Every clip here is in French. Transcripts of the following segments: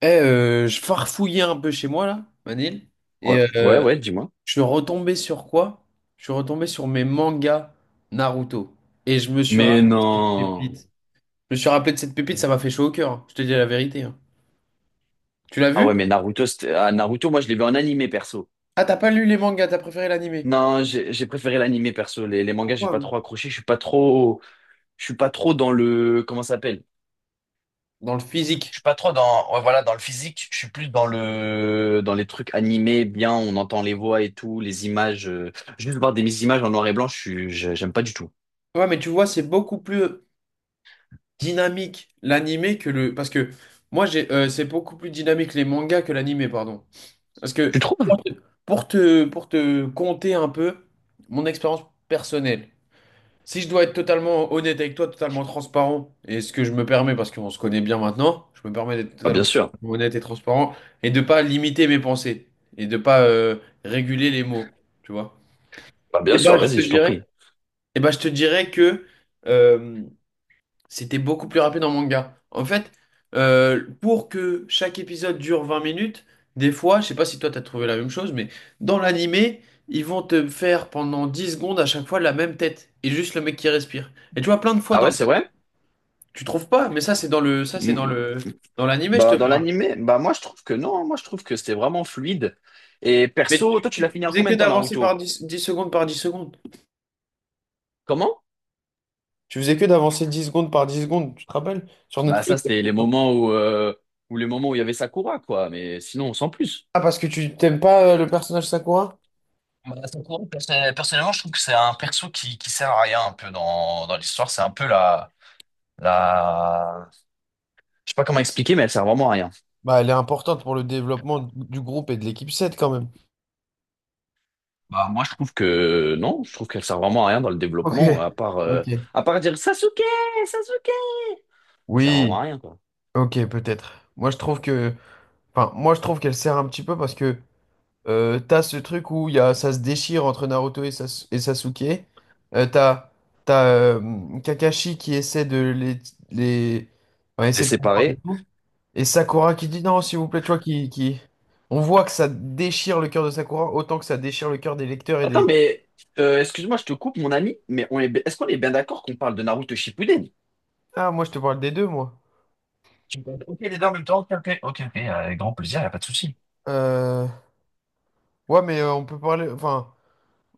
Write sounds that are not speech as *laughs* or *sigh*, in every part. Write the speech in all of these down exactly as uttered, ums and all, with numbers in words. Eh, euh, je farfouillais un peu chez moi là, Manil, et Ouais, ouais, euh, ouais, dis-moi. je suis retombé sur quoi? Je suis retombé sur mes mangas Naruto. Et je me suis Mais rappelé de cette pépite. non. Je me suis rappelé de cette pépite, ça m'a fait chaud au cœur, hein. Je te dis la vérité, hein. Tu l'as Ah ouais, mais vu? Naruto, c'était- ah, Naruto, moi, je l'ai vu en animé perso. Ah, t'as pas lu les mangas, t'as préféré l'animé. Non, j'ai j'ai préféré l'animé perso. Les, les mangas, j'ai Pourquoi? pas trop accroché. Je suis pas trop, je suis pas trop dans le, comment ça s'appelle? Dans le Je physique. suis pas trop dans, ouais, voilà, dans le physique. Je suis plus dans le, dans les trucs animés, bien, on entend les voix et tout, les images. euh, Juste voir des images en noir et blanc, je suis, je- j'aime pas du tout. Ouais, mais tu vois, c'est beaucoup plus euh, dynamique l'animé que le. Parce que moi, j'ai, euh, c'est beaucoup plus dynamique les mangas que l'animé, pardon. Parce que Tu trouves? pour te, pour te, pour te conter un peu mon expérience personnelle, si je dois être totalement honnête avec toi, totalement transparent, et ce que je me permets, parce qu'on se connaît bien maintenant, je me permets d'être Bah, totalement bien sûr. honnête et transparent, et de pas limiter mes pensées, et de pas euh, réguler les mots, tu vois. Bah, Et bien bah, sûr, je te vas-y, je t'en dirais, prie. et ben, je te dirais que euh, c'était beaucoup plus rapide en manga. En fait, euh, pour que chaque épisode dure vingt minutes, des fois, je sais pas si toi t'as trouvé la même chose, mais dans l'animé, ils vont te faire pendant dix secondes à chaque fois la même tête et juste le mec qui respire. Et tu vois plein de fois Ah ouais, dans c'est vrai? tu trouves pas, mais ça c'est dans le ça c'est dans Mm. le dans l'animé, je te Dans, dans parle. l'animé, bah moi je trouve que non, hein. Moi je trouve que c'était vraiment fluide. Et Mais perso, toi tu, tu l'as tu- fini tu en faisais combien que de temps d'avancer Naruto? par dix, dix secondes par dix secondes. Comment? Tu faisais que d'avancer dix secondes par dix secondes, tu te rappelles? Sur Bah ça Netflix. c'était les moments où, euh, où les moments où il y avait Sakura quoi, mais sinon sans plus. Ah, parce que tu t'aimes pas euh, le personnage Sakura? Bah, Sakura, perso- Personnellement, je trouve que c'est un perso qui, qui sert à rien un peu dans, dans l'histoire. C'est un peu la, la... Je sais pas comment expliquer, mais elle sert vraiment à rien. Bah, elle est importante pour le développement du groupe et de l'équipe sept quand même. Bah moi je trouve que non, je trouve qu'elle sert vraiment à rien dans le Ok, développement, à part euh, ok. à part dire Sasuke, Sasuke. Elle sert vraiment Oui, à rien quoi. ok, peut-être. Moi, je trouve que, enfin, moi, je trouve qu'elle sert un petit peu parce que euh, t'as ce truc où il y a, ça se déchire entre Naruto et, Sas- et Sasuke. Euh, t'as t'as euh, Kakashi qui essaie de les, les... enfin, Les essaie de comprendre et séparer. tout. Et Sakura qui dit non, s'il vous plaît, tu vois, qui, qui... On voit que ça déchire le cœur de Sakura autant que ça déchire le cœur des lecteurs et Attends, des... mais euh, excuse-moi, je te coupe, mon ami, mais on est, bi- est-ce qu'on est bien d'accord qu'on parle de Naruto Shippuden? Ah, moi, je te parle des deux, moi. Tu peux- Ok, les deux en même temps, ok, ok, ok, ok, avec grand plaisir, y a pas de souci. Euh, Ouais, mais euh, on peut parler. Enfin,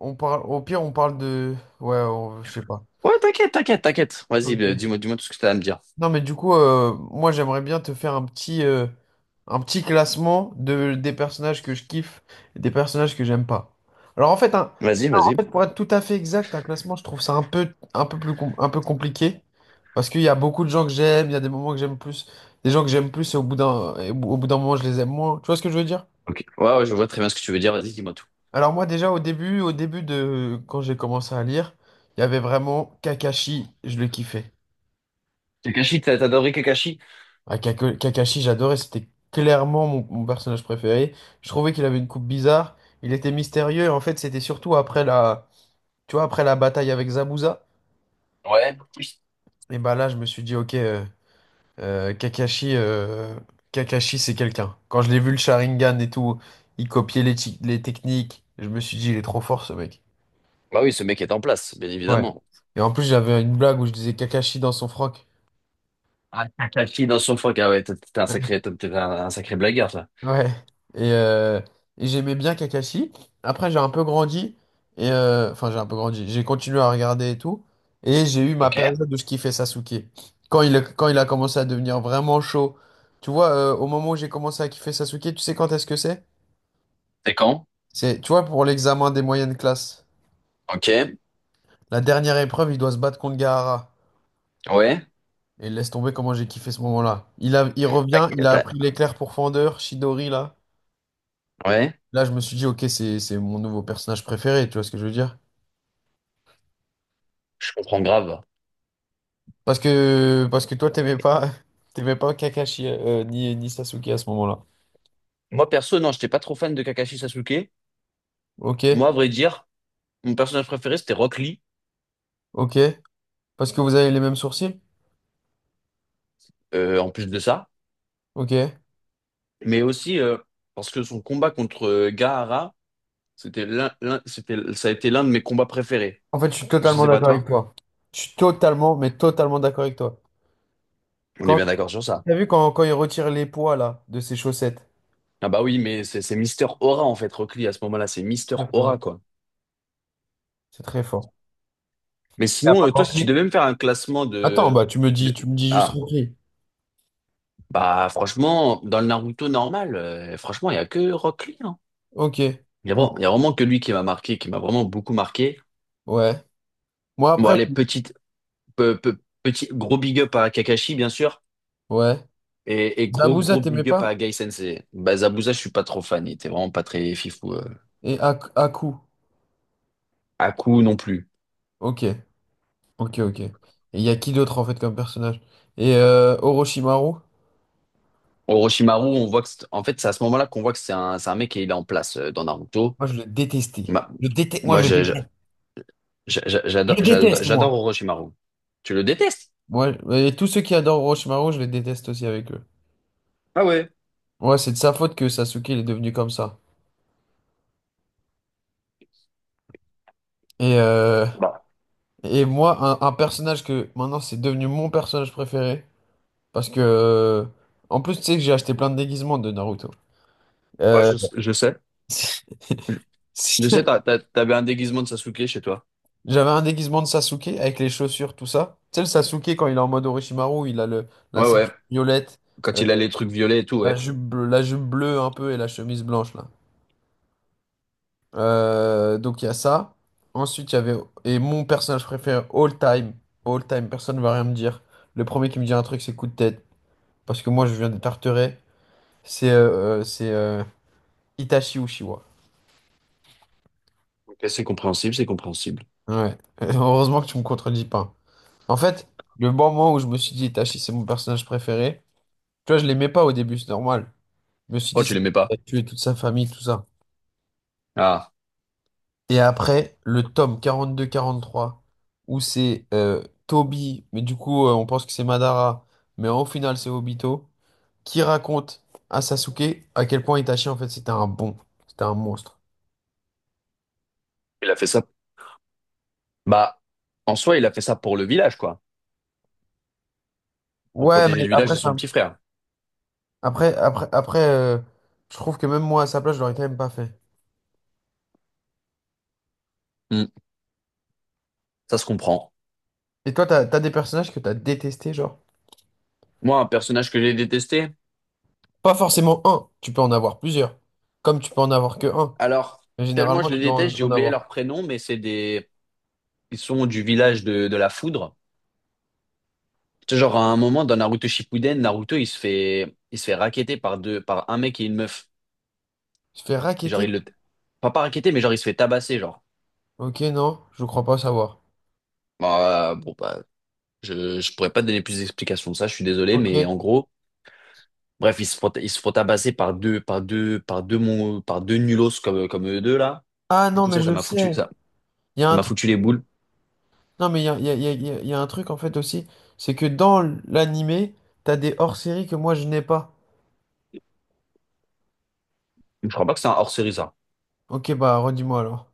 on parle. Au pire, on parle de. Ouais, on- je sais pas. Ouais, t'inquiète, t'inquiète, t'inquiète. Vas-y, euh, Ok. dis-moi, dis-moi tout ce que t'as à me dire. Non, mais du coup, euh, moi, j'aimerais bien te faire un petit, euh, un petit classement de des personnages que je kiffe et des personnages que j'aime pas. Alors, en fait, un- Vas-y, en vas-y. fait, pour être tout à fait exact, un classement, je trouve ça un peu, un peu plus, com- un peu compliqué parce qu'il y a beaucoup de gens que j'aime. Il y a des moments que j'aime plus, des gens que j'aime plus, et au bout d'un, et au bout d'un moment, je les aime moins. Tu vois ce que je veux dire? Ok. Ouais, ouais, je vois très bien ce que tu veux dire. Vas-y, dis-moi tout. Alors moi déjà au début, au début de quand j'ai commencé à lire, il y avait vraiment Kakashi, je le kiffais. Kakashi, t'as t'as adoré Kakashi? Ah, Kaka- Kakashi, j'adorais, c'était clairement mon, mon personnage préféré. Je trouvais qu'il avait une coupe bizarre, il était mystérieux et en fait c'était surtout après la, tu vois, après la bataille avec Zabuza. Ouais. Oui. Et bah là je me suis dit ok, euh, euh, Kakashi, euh, Kakashi c'est quelqu'un. Quand je l'ai vu le Sharingan et tout, il copiait les, ti- les techniques, je me suis dit il est trop fort ce mec. Bah oui, ce mec est en place, bien Ouais. évidemment. Et en plus j'avais une blague où je disais Kakashi dans son froc. Ah, Kakashi dans son froc, ah ouais, t'es t'es un Ouais. sacré, t'es t'es un, un sacré blagueur, ça. Ouais. Et, euh, et j'aimais bien Kakashi. Après, j'ai un peu grandi. Et euh, enfin, j'ai un peu grandi. J'ai continué à regarder et tout. Et j'ai eu ma Ok. période où je kiffais Sasuke. Quand il, a- quand il a commencé à devenir vraiment chaud. Tu vois, euh, au moment où j'ai commencé à kiffer Sasuke, tu sais quand est-ce que c'est? C'est quand? C'est, tu vois, pour l'examen des moyennes classes. Ok. La dernière épreuve, il doit se battre contre Gaara. Ouais. Et laisse tomber comment j'ai kiffé ce moment-là. Il a, il T'as- revient, il a t'as- appris l'éclair pourfendeur, Shidori, là. Ouais. Là, je me suis dit, ok, c'est, c'est mon nouveau personnage préféré, tu vois ce que je veux dire? Je comprends grave. Parce que, parce que toi, t'aimais pas, *laughs* t'aimais pas Kakashi euh, ni, ni Sasuke à ce moment-là. Moi, perso, non, j'étais pas trop fan de Kakashi Sasuke. Ok, Moi, à vrai dire, mon personnage préféré, c'était Rock Lee, ok. Parce que vous avez les mêmes sourcils? euh, en plus de ça. Ok. Mais aussi, euh, parce que son combat contre euh, Gaara, c'était l'un, l'un- c'était, ça a été l'un de mes combats préférés. En fait, je suis Je totalement sais pas d'accord avec toi. toi. Je suis totalement, mais totalement d'accord avec toi. On est Quand, bien d'accord sur ça. t'as vu quand, quand il retire les poids, là, de ses chaussettes? Ah bah oui, mais c'est c'est Mister Aura, en fait, Rock Lee, à ce moment-là. C'est Mister Très fort. Aura, quoi. C'est très fort. Mais T'as sinon, pas euh, toi, si tu compris? devais me faire un classement Attends, de... bah, tu me dis, de... tu me dis juste Ah, Ronkli. bah franchement, dans le Naruto normal, euh, franchement, il y a que Rock Lee, hein. Ok, Il y a vraiment, il y ok. a vraiment que lui qui m'a marqué, qui m'a vraiment beaucoup marqué. Ouais. Moi, Bon, après, allez, je- petite, pe- pe- petit, gros big up à Kakashi, bien sûr. ouais. Et, et gros, Zabuza, gros t'aimais big up pas? à Gai Sensei. Bah, Zabuza, je suis pas trop fan. Il était vraiment pas très fifou. Euh. Et Ak- Aku. Haku non plus. Ok. Ok, ok. Et il y a qui d'autre en fait comme personnage? Et euh, Orochimaru, Orochimaru, on voit que, c'est- en fait, c'est à ce moment-là qu'on voit que c'est un, c'est un mec qui il est en place euh, dans Naruto. moi je le détestais. Ma- Je déteste, moi moi, je le je- je- déteste. je- je- Je J'adore, le j'adore, déteste, j'adore moi. Orochimaru. Tu le détestes? Ouais, et tous ceux qui adorent Orochimaru, je les déteste aussi avec eux. Ah ouais. Ouais, c'est de sa faute que Sasuke il est devenu comme ça. Et, euh, Bah, et moi, un, un personnage que maintenant c'est devenu mon personnage préféré. Parce que, euh, en plus, tu sais que j'ai acheté plein de déguisements de Naruto. ouais, Euh, je, je sais. *laughs* Je sais, t'as- t'as- t'avais un déguisement de Sasuke chez toi. J'avais un déguisement de Sasuke avec les chaussures, tout ça. Tu sais, le Sasuke, quand il est en mode Orochimaru, il a le, la Ouais, ouais. ceinture violette, Quand euh, il a les trucs violets et tout, la ouais. jupe, bleu- la jupe bleue un peu et la chemise blanche, là. Euh, donc, il y a ça. Ensuite, il y avait... Et mon personnage préféré, all time. All time, personne ne va rien me dire. Le premier qui me dit un truc, c'est coup de tête. Parce que moi, je viens de Tarteret. C'est euh, euh, c'est euh, Itachi Uchiwa. Ok, c'est compréhensible, c'est compréhensible. Ouais. *laughs* Heureusement que tu me contredis pas. En fait, le bon moment où je me suis dit Itachi, c'est mon personnage préféré, tu vois, je l'aimais pas au début, c'est normal. Je me suis Oh, dit, tu ça l'aimais pas? va tuer toute sa famille, tout ça. Ah, Et après, le tome quarante-deux quarante-trois, où c'est euh, Toby, mais du coup, euh, on pense que c'est Madara, mais au final, c'est Obito, qui raconte à Sasuke à quel point Itachi, en fait, c'était un bon, c'était un monstre. il a fait ça. Bah, en soi, il a fait ça pour le village, quoi. Pour Ouais, protéger mais le village après, et son ça- petit frère. après, après, après euh, je trouve que même moi, à sa place, je l'aurais quand même pas fait. Hmm. Ça se comprend. Et toi, t'as, t'as des personnages que t'as détestés, genre? Moi, un personnage que j'ai détesté. Pas forcément un, tu peux en avoir plusieurs, comme tu peux en avoir que un. Alors, Mais tellement généralement, je tu les dois en déteste, j'ai en oublié avoir. leur prénom, mais c'est des. Ils sont du village de, de la foudre. C'est genre à un moment dans Naruto Shippuden, Naruto il se fait il se fait racketter par deux par un mec et une meuf. Tu fais Genre racketter? il le Pas pas racketter, mais genre il se fait tabasser genre. Ok, non, je crois pas savoir. Bah, bon bah je je pourrais pas te donner plus d'explications de ça, je suis désolé, mais en Ok. gros bref, ils se font, ils se font tabasser par deux, par deux, par deux, mon- par deux nulos comme, comme eux deux, là. Ah Du non, coup, mais ça, ça je m'a foutu, sais. ça, Il y a ça un m'a truc. foutu les boules. Non, mais il y a, il y a- il y a- il y a- il y a un truc en fait aussi. C'est que dans l'animé, t'as des hors-séries que moi je n'ai pas. Je crois pas que c'est un hors-série, ça. Ok, bah redis-moi alors.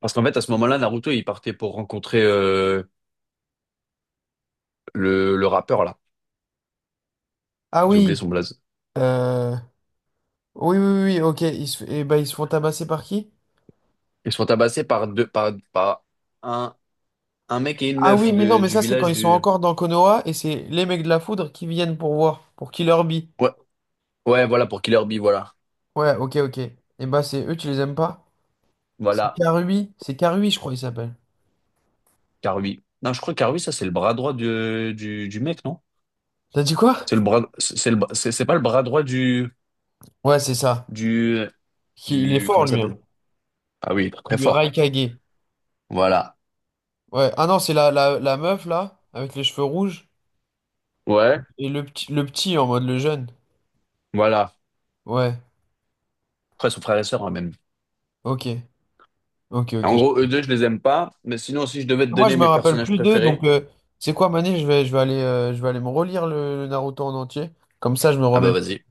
Parce qu'en fait, à ce moment-là, Naruto, il partait pour rencontrer, euh, le, le rappeur, là. Ah J'ai oublié oui. son blaze. euh, oui, oui, oui, oui, ok. Ils se... eh ben, ils se font tabasser par qui? Ils se font tabasser par deux, par, par un, un mec et une Ah meuf oui, mais non, de, mais du ça, c'est quand village ils sont du, encore dans Konoha et c'est les mecs de la foudre qui viennent pour voir, pour Killer Bee. ouais, ouais, voilà, pour Killer Bee, voilà. Ouais, ok, ok. Et bah, c'est eux, tu les aimes pas? C'est Voilà, Karui, c'est Karui, je crois, il s'appelle. Karui. Non, je crois que Karui, ça, c'est le bras droit du, du, du mec, non? T'as dit quoi? C'est le bras, c'est c'est le, bra- c'est c'est pas le bras droit du, Ouais, c'est ça. du Qui- Il est du, comment fort, il lui, hein. s'appelle? Ah oui, très Du fort. Raikage. Voilà. Ouais. Ah non, c'est la, la, la meuf, là, avec les cheveux rouges. Ouais, Et le petit, le petit, en mode le jeune. voilà. Ouais. Après, son frère et sœur, hein, même. Ok. Ok, ok. En gros, eux deux, je les aime pas. Mais sinon, si je devais te Moi, je donner me mes rappelle personnages plus d'eux, donc... préférés, euh, c'est quoi, Mané? Je vais, je vais aller, euh, je vais aller me relire le, le Naruto en entier. Comme ça, je me ah bah remets. vas-y.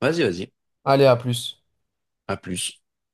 Vas-y, vas-y. Allez, à plus. À plus.